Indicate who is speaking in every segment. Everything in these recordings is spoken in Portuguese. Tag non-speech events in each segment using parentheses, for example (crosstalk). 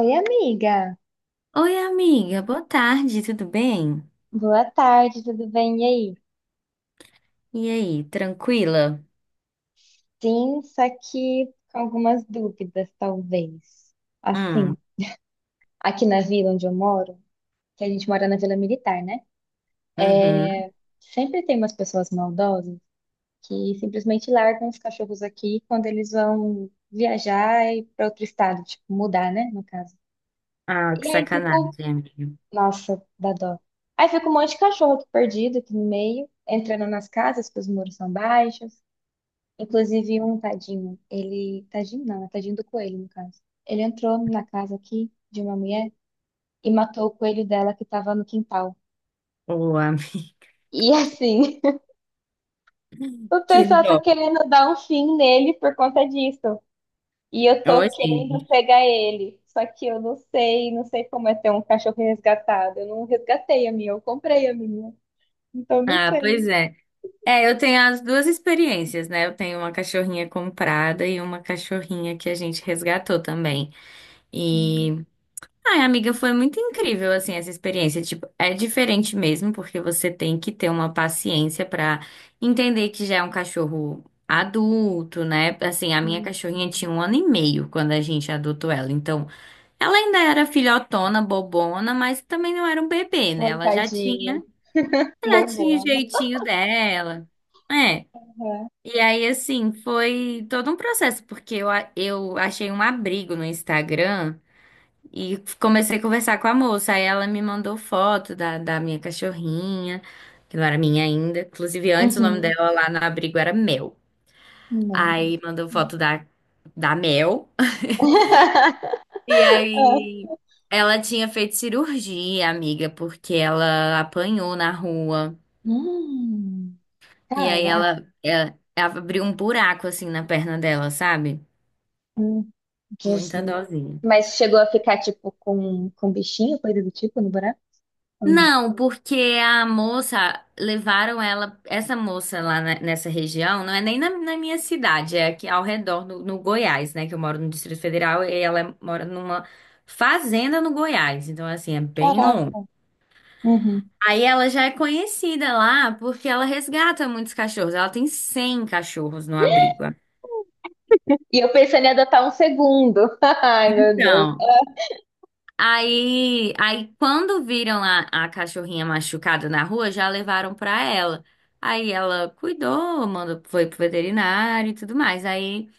Speaker 1: Oi, amiga.
Speaker 2: Oi, amiga, boa tarde, tudo bem?
Speaker 1: Boa tarde, tudo bem? E aí?
Speaker 2: E aí, tranquila?
Speaker 1: Sim, só que com algumas dúvidas, talvez. Assim,
Speaker 2: Hum.
Speaker 1: aqui na vila onde eu moro, que a gente mora na Vila Militar, né?
Speaker 2: Uhum.
Speaker 1: Sempre tem umas pessoas maldosas que simplesmente largam os cachorros aqui quando eles vão viajar e para outro estado, tipo, mudar, né, no caso.
Speaker 2: Ah, que
Speaker 1: E aí ficou,
Speaker 2: sacanagem, amiga.
Speaker 1: nossa, dá dó. Aí fica um monte de cachorro aqui perdido aqui no meio, entrando nas casas, porque os muros são baixos. Inclusive um tadinho, ele. Tadinho não, né? Tadinho do coelho, no caso. Ele entrou na casa aqui de uma mulher e matou o coelho dela que tava no quintal.
Speaker 2: Ô, amiga, (laughs)
Speaker 1: E assim, (laughs) o
Speaker 2: que
Speaker 1: pessoal tá
Speaker 2: dó.
Speaker 1: querendo dar um fim nele por conta disso. E eu
Speaker 2: Ô,
Speaker 1: tô querendo
Speaker 2: gente.
Speaker 1: pegar ele. Só que eu não sei, não sei como é ter um cachorro resgatado. Eu não resgatei a minha, eu comprei a minha. Então não
Speaker 2: Ah, pois
Speaker 1: sei.
Speaker 2: é. É, eu tenho as duas experiências, né? Eu tenho uma cachorrinha comprada e uma cachorrinha que a gente resgatou também. E Ai, amiga, foi muito incrível, assim, essa experiência. Tipo, é diferente mesmo, porque você tem que ter uma paciência pra entender que já é um cachorro adulto, né? Assim, a minha
Speaker 1: Uhum.
Speaker 2: cachorrinha tinha um ano e meio quando a gente adotou ela. Então, ela ainda era filhotona, bobona, mas também não era um bebê, né?
Speaker 1: Ô,
Speaker 2: Ela já
Speaker 1: tadinho.
Speaker 2: tinha, já tinha o
Speaker 1: Bobona.
Speaker 2: jeitinho dela. É. E aí, assim, foi todo um processo, porque eu achei um abrigo no Instagram. E comecei a conversar com a moça. Aí ela me mandou foto da minha cachorrinha, que não era minha ainda. Inclusive, antes o nome
Speaker 1: Uhum.
Speaker 2: dela lá no abrigo era Mel.
Speaker 1: Uhum.
Speaker 2: Aí mandou
Speaker 1: Não.
Speaker 2: foto da Mel.
Speaker 1: (laughs)
Speaker 2: E
Speaker 1: Ah,
Speaker 2: aí ela tinha feito cirurgia, amiga, porque ela apanhou na rua.
Speaker 1: Hum,
Speaker 2: E aí
Speaker 1: caraca,
Speaker 2: ela abriu um buraco assim na perna dela, sabe?
Speaker 1: hum,
Speaker 2: Muita
Speaker 1: Jesus.
Speaker 2: dosinha.
Speaker 1: Mas chegou a ficar, tipo, com bichinho, coisa do tipo, no buraco? Ou não?
Speaker 2: Não, porque a moça, levaram ela, essa moça lá nessa região, não é nem na, na minha cidade, é aqui ao redor, no Goiás, né? Que eu moro no Distrito Federal e ela mora numa fazenda no Goiás, então assim, é bem longe.
Speaker 1: Caraca. Uhum.
Speaker 2: Aí ela já é conhecida lá porque ela resgata muitos cachorros, ela tem 100 cachorros no abrigo.
Speaker 1: E eu pensei em adotar um segundo. (laughs) Ai, meu Deus.
Speaker 2: Então. Aí quando viram a cachorrinha machucada na rua, já levaram pra ela. Aí ela cuidou, mandou, foi pro veterinário e tudo mais. Aí,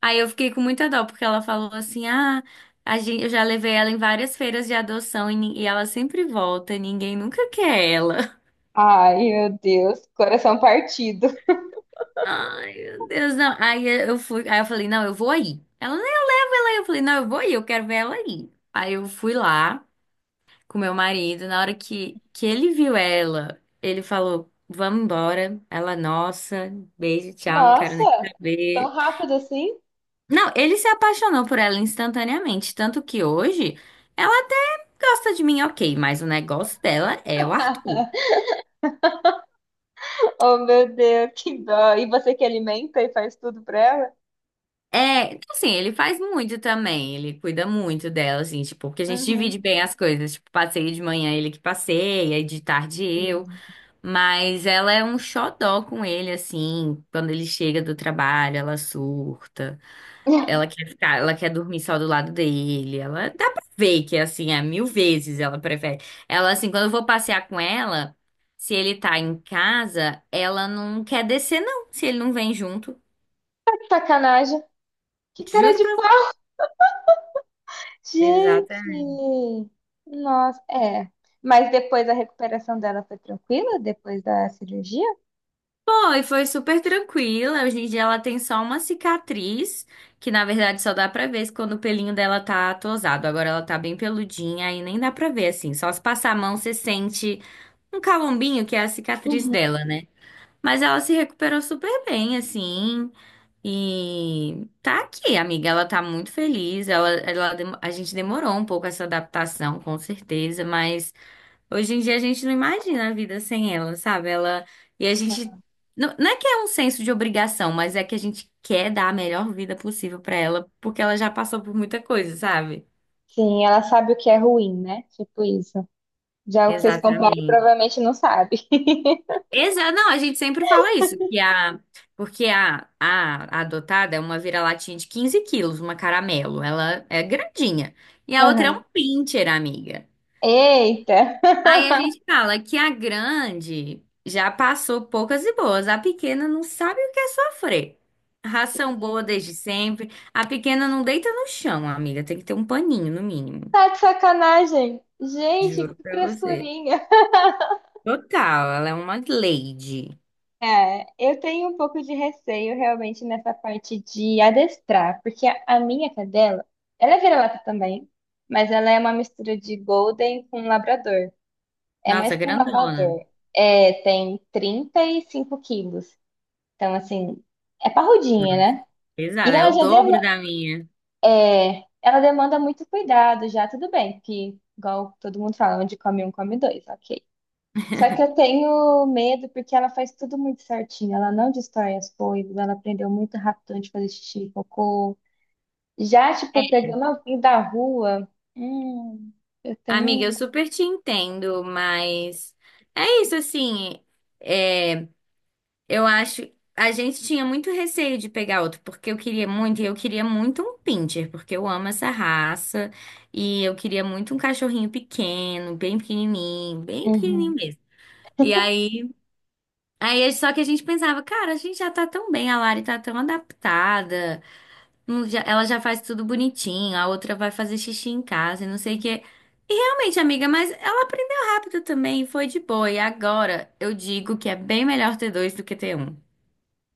Speaker 2: aí eu fiquei com muita dó, porque ela falou assim: ah, eu já levei ela em várias feiras de adoção e, e ela sempre volta, ninguém nunca quer ela. (laughs)
Speaker 1: Ai, meu Deus, coração partido.
Speaker 2: Ai, meu Deus, não. Aí eu fui, aí eu falei, não, eu vou aí. Ela, não, eu levo ela aí. Eu falei, não, eu vou aí, eu quero ver ela aí. Aí eu fui lá com meu marido. Na hora que ele viu ela, ele falou: Vamos embora. Ela, nossa, beijo, tchau, não quero nem
Speaker 1: Nossa, tão
Speaker 2: saber.
Speaker 1: rápido assim?
Speaker 2: Não, ele se apaixonou por ela instantaneamente. Tanto que hoje ela até gosta de mim, ok, mas o negócio dela é o Arthur.
Speaker 1: (laughs) Oh, meu Deus, que dó. E você que alimenta e faz tudo pra ela?
Speaker 2: É, assim, ele faz muito também, ele cuida muito dela, assim, tipo, porque a gente divide
Speaker 1: Uhum.
Speaker 2: bem as coisas, tipo, passeio de manhã ele que passeia, e de tarde eu.
Speaker 1: Hum.
Speaker 2: Mas ela é um xodó com ele, assim. Quando ele chega do trabalho, ela surta. Ela
Speaker 1: (laughs)
Speaker 2: quer ficar, ela quer dormir só do lado dele. Ela dá pra ver que, assim, é mil vezes ela prefere. Ela, assim, quando eu vou passear com ela, se ele tá em casa, ela não quer descer, não. Se ele não vem junto.
Speaker 1: Sacanagem. Que cara
Speaker 2: Juro
Speaker 1: de
Speaker 2: pra você. Exatamente.
Speaker 1: gente! Nossa, é. Mas depois a recuperação dela foi tranquila? Depois da cirurgia?
Speaker 2: Foi super tranquila. Hoje em dia ela tem só uma cicatriz, que na verdade só dá pra ver quando o pelinho dela tá tosado. Agora ela tá bem peludinha aí nem dá pra ver assim. Só se passar a mão você sente um calombinho que é a cicatriz
Speaker 1: Uhum.
Speaker 2: dela, né? Mas ela se recuperou super bem, assim. E tá aqui, amiga. Ela tá muito feliz. A gente demorou um pouco essa adaptação, com certeza, mas. Hoje em dia a gente não imagina a vida sem ela, sabe? Ela e a gente não, não é que é um senso de obrigação, mas é que a gente quer dar a melhor vida possível pra ela, porque ela já passou por muita coisa, sabe?
Speaker 1: Sim, ela sabe o que é ruim, né? Tipo isso. Já o que vocês compraram
Speaker 2: Exatamente.
Speaker 1: provavelmente não sabe.
Speaker 2: Não, a gente sempre fala isso, que a porque a adotada é uma vira-latinha de 15 quilos, uma caramelo, ela é grandinha. E a outra é um
Speaker 1: Aham.
Speaker 2: pincher, amiga.
Speaker 1: Eita!
Speaker 2: Aí a gente fala que a grande já passou poucas e boas, a pequena não sabe o que é sofrer. Ração boa desde
Speaker 1: (laughs)
Speaker 2: sempre, a pequena não deita no chão, amiga, tem que ter um paninho no mínimo.
Speaker 1: Tá de sacanagem! Gente,
Speaker 2: Juro
Speaker 1: que
Speaker 2: pra você.
Speaker 1: frescurinha!
Speaker 2: Total, ela é uma lady.
Speaker 1: É, eu tenho um pouco de receio realmente nessa parte de adestrar, porque a minha cadela, ela é vira-lata também, mas ela é uma mistura de Golden com Labrador. É
Speaker 2: Nossa,
Speaker 1: mais que um
Speaker 2: grandona.
Speaker 1: Labrador. É, tem 35 quilos. Então, assim, é parrudinha,
Speaker 2: Nossa,
Speaker 1: né? E
Speaker 2: pesada, é o dobro da minha.
Speaker 1: é, ela demanda muito cuidado já, tudo bem, que igual todo mundo fala, onde come um, come dois, ok. Só que eu tenho medo porque ela faz tudo muito certinho. Ela não destrói as coisas, ela aprendeu muito rápido antes de fazer xixi, e cocô. Já,
Speaker 2: É,
Speaker 1: tipo, pegando alguém da rua, hum, eu
Speaker 2: amiga, eu
Speaker 1: tenho.
Speaker 2: super te entendo, mas é isso assim. É, eu acho. A gente tinha muito receio de pegar outro, porque eu queria muito, e eu queria muito um pincher, porque eu amo essa raça, e eu queria muito um cachorrinho pequeno, bem pequenininho
Speaker 1: Uhum.
Speaker 2: mesmo. E aí, só que a gente pensava, cara, a gente já tá tão bem, a Lari tá tão adaptada, ela já faz tudo bonitinho, a outra vai fazer xixi em casa, e não sei o quê. E realmente, amiga, mas ela aprendeu rápido também, e foi de boa. E agora eu digo que é bem melhor ter dois do que ter um.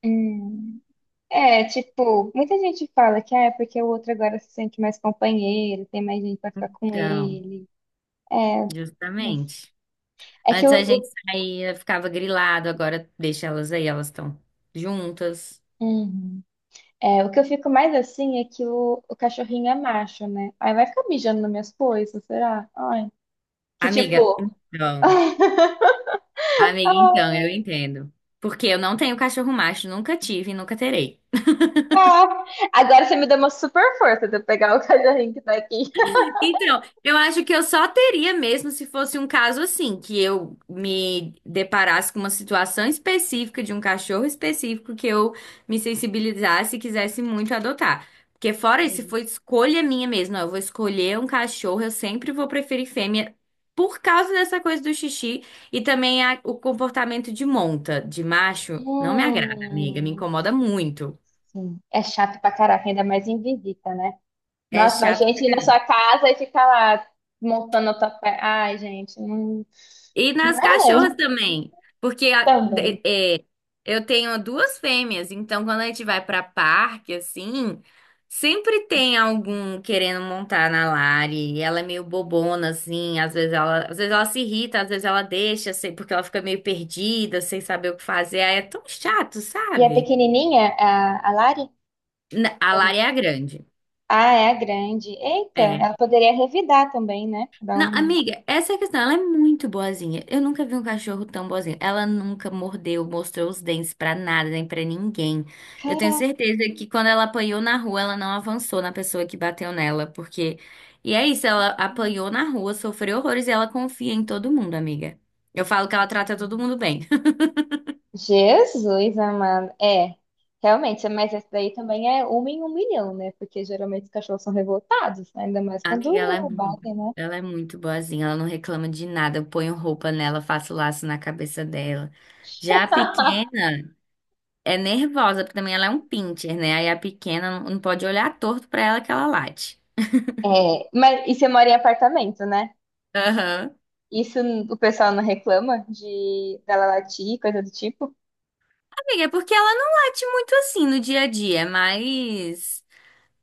Speaker 1: Hum. É, tipo, muita gente fala que ah, é porque o outro agora se sente mais companheiro, tem mais gente pra ficar com
Speaker 2: Então.
Speaker 1: ele. É,
Speaker 2: Justamente.
Speaker 1: é que
Speaker 2: Antes a gente
Speaker 1: o-
Speaker 2: saía, ficava grilado, agora deixa elas aí, elas estão juntas.
Speaker 1: Uhum. É, o que eu fico mais assim é que o cachorrinho é macho, né? Aí vai ficar mijando nas minhas coisas, será? Ai. Que
Speaker 2: Amiga,
Speaker 1: tipo.
Speaker 2: então,
Speaker 1: (laughs)
Speaker 2: amiga,
Speaker 1: Ah,
Speaker 2: então, eu entendo. Porque eu não tenho cachorro macho, nunca tive e nunca terei.
Speaker 1: ah. Agora você me deu uma super força de eu pegar o cachorrinho que tá aqui.
Speaker 2: Então, eu acho que eu só teria mesmo se fosse um caso assim, que eu me deparasse com uma situação específica de um cachorro específico que eu me sensibilizasse e quisesse muito adotar. Porque fora isso, se
Speaker 1: Uhum.
Speaker 2: for escolha minha mesmo, ó, eu vou escolher um cachorro, eu sempre vou preferir fêmea por causa dessa coisa do xixi e também o comportamento de monta, de macho, não me agrada, amiga, me
Speaker 1: Hum,
Speaker 2: incomoda muito.
Speaker 1: sim. É chato pra caraca, ainda mais em visita, né?
Speaker 2: É
Speaker 1: Nossa, mas a
Speaker 2: chato.
Speaker 1: gente ir na sua casa e ficar lá montando a tua pé. Ai, gente, não,
Speaker 2: E
Speaker 1: não
Speaker 2: nas
Speaker 1: é
Speaker 2: cachorras também, porque
Speaker 1: também.
Speaker 2: eu tenho duas fêmeas, então quando a gente vai pra parque, assim, sempre tem algum querendo montar na Lari, e ela é meio bobona, assim, às vezes ela se irrita, às vezes ela deixa, assim, porque ela fica meio perdida, sem saber o que fazer, aí é tão chato,
Speaker 1: E a
Speaker 2: sabe?
Speaker 1: pequenininha, a Lari?
Speaker 2: A
Speaker 1: Ou não?
Speaker 2: Lari é a grande,
Speaker 1: Ah, é a grande. Eita,
Speaker 2: é.
Speaker 1: ela poderia revidar também, né? Dar
Speaker 2: Não,
Speaker 1: um.
Speaker 2: amiga, essa é a questão. Ela é muito boazinha. Eu nunca vi um cachorro tão boazinho. Ela nunca mordeu, mostrou os dentes pra nada, nem pra ninguém. Eu tenho
Speaker 1: Caraca.
Speaker 2: certeza que quando ela apanhou na rua, ela não avançou na pessoa que bateu nela, porque. E é isso, ela apanhou na rua, sofreu horrores e ela confia em todo mundo, amiga. Eu falo que ela trata todo mundo bem. (laughs)
Speaker 1: Jesus, amado. É, realmente, mas essa daí também é uma em um milhão, né? Porque geralmente os cachorros são revoltados, né? Ainda mais quando
Speaker 2: Amiga,
Speaker 1: batem, né?
Speaker 2: ela é muito boazinha, ela não reclama de nada. Eu ponho roupa nela, faço laço na cabeça dela. Já a
Speaker 1: (laughs)
Speaker 2: pequena. É nervosa, porque também ela é um pincher, né? Aí a pequena não pode olhar torto pra ela que ela late.
Speaker 1: É, mas e você mora em apartamento, né?
Speaker 2: Aham.
Speaker 1: Isso o pessoal não reclama de dela latir, coisa do tipo? (laughs)
Speaker 2: Amiga, é porque ela não late muito assim no dia a dia, mas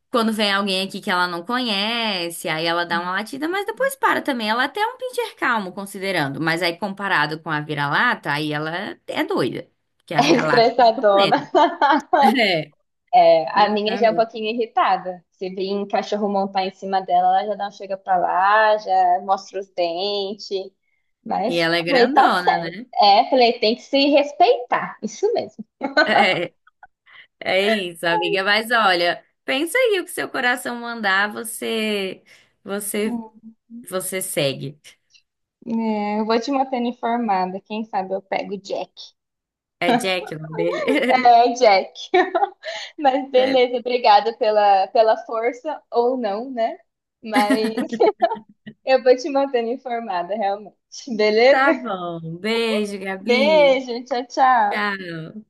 Speaker 2: quando vem alguém aqui que ela não conhece, aí ela dá uma latida, mas depois para também. Ela até é um pincher calmo, considerando, mas aí comparado com a vira-lata, aí ela é doida, porque a
Speaker 1: É
Speaker 2: vira-lata é muito
Speaker 1: estressadona.
Speaker 2: plena. (laughs) É,
Speaker 1: É, a minha já é um
Speaker 2: exatamente.
Speaker 1: pouquinho irritada. Se vir um cachorro montar em cima dela, ela já dá um chega pra lá, já mostra os dentes.
Speaker 2: E
Speaker 1: Mas
Speaker 2: ela é
Speaker 1: falei, tá
Speaker 2: grandona,
Speaker 1: certo.
Speaker 2: né?
Speaker 1: É, falei, tem que se respeitar. Isso mesmo.
Speaker 2: É. É isso, amiga. Mas olha, pensa aí o que seu coração mandar, você,
Speaker 1: Hum.
Speaker 2: você segue.
Speaker 1: É, eu vou te mantendo informada. Quem sabe eu pego o Jack.
Speaker 2: É Jack o nome dele?
Speaker 1: É, Jack. (laughs) Mas beleza,
Speaker 2: (laughs)
Speaker 1: obrigada pela, pela força, ou não, né? Mas eu vou te mantendo informada, realmente. Beleza?
Speaker 2: Tá bom. Beijo, Gabi.
Speaker 1: Beijo, tchau, tchau.
Speaker 2: Tchau.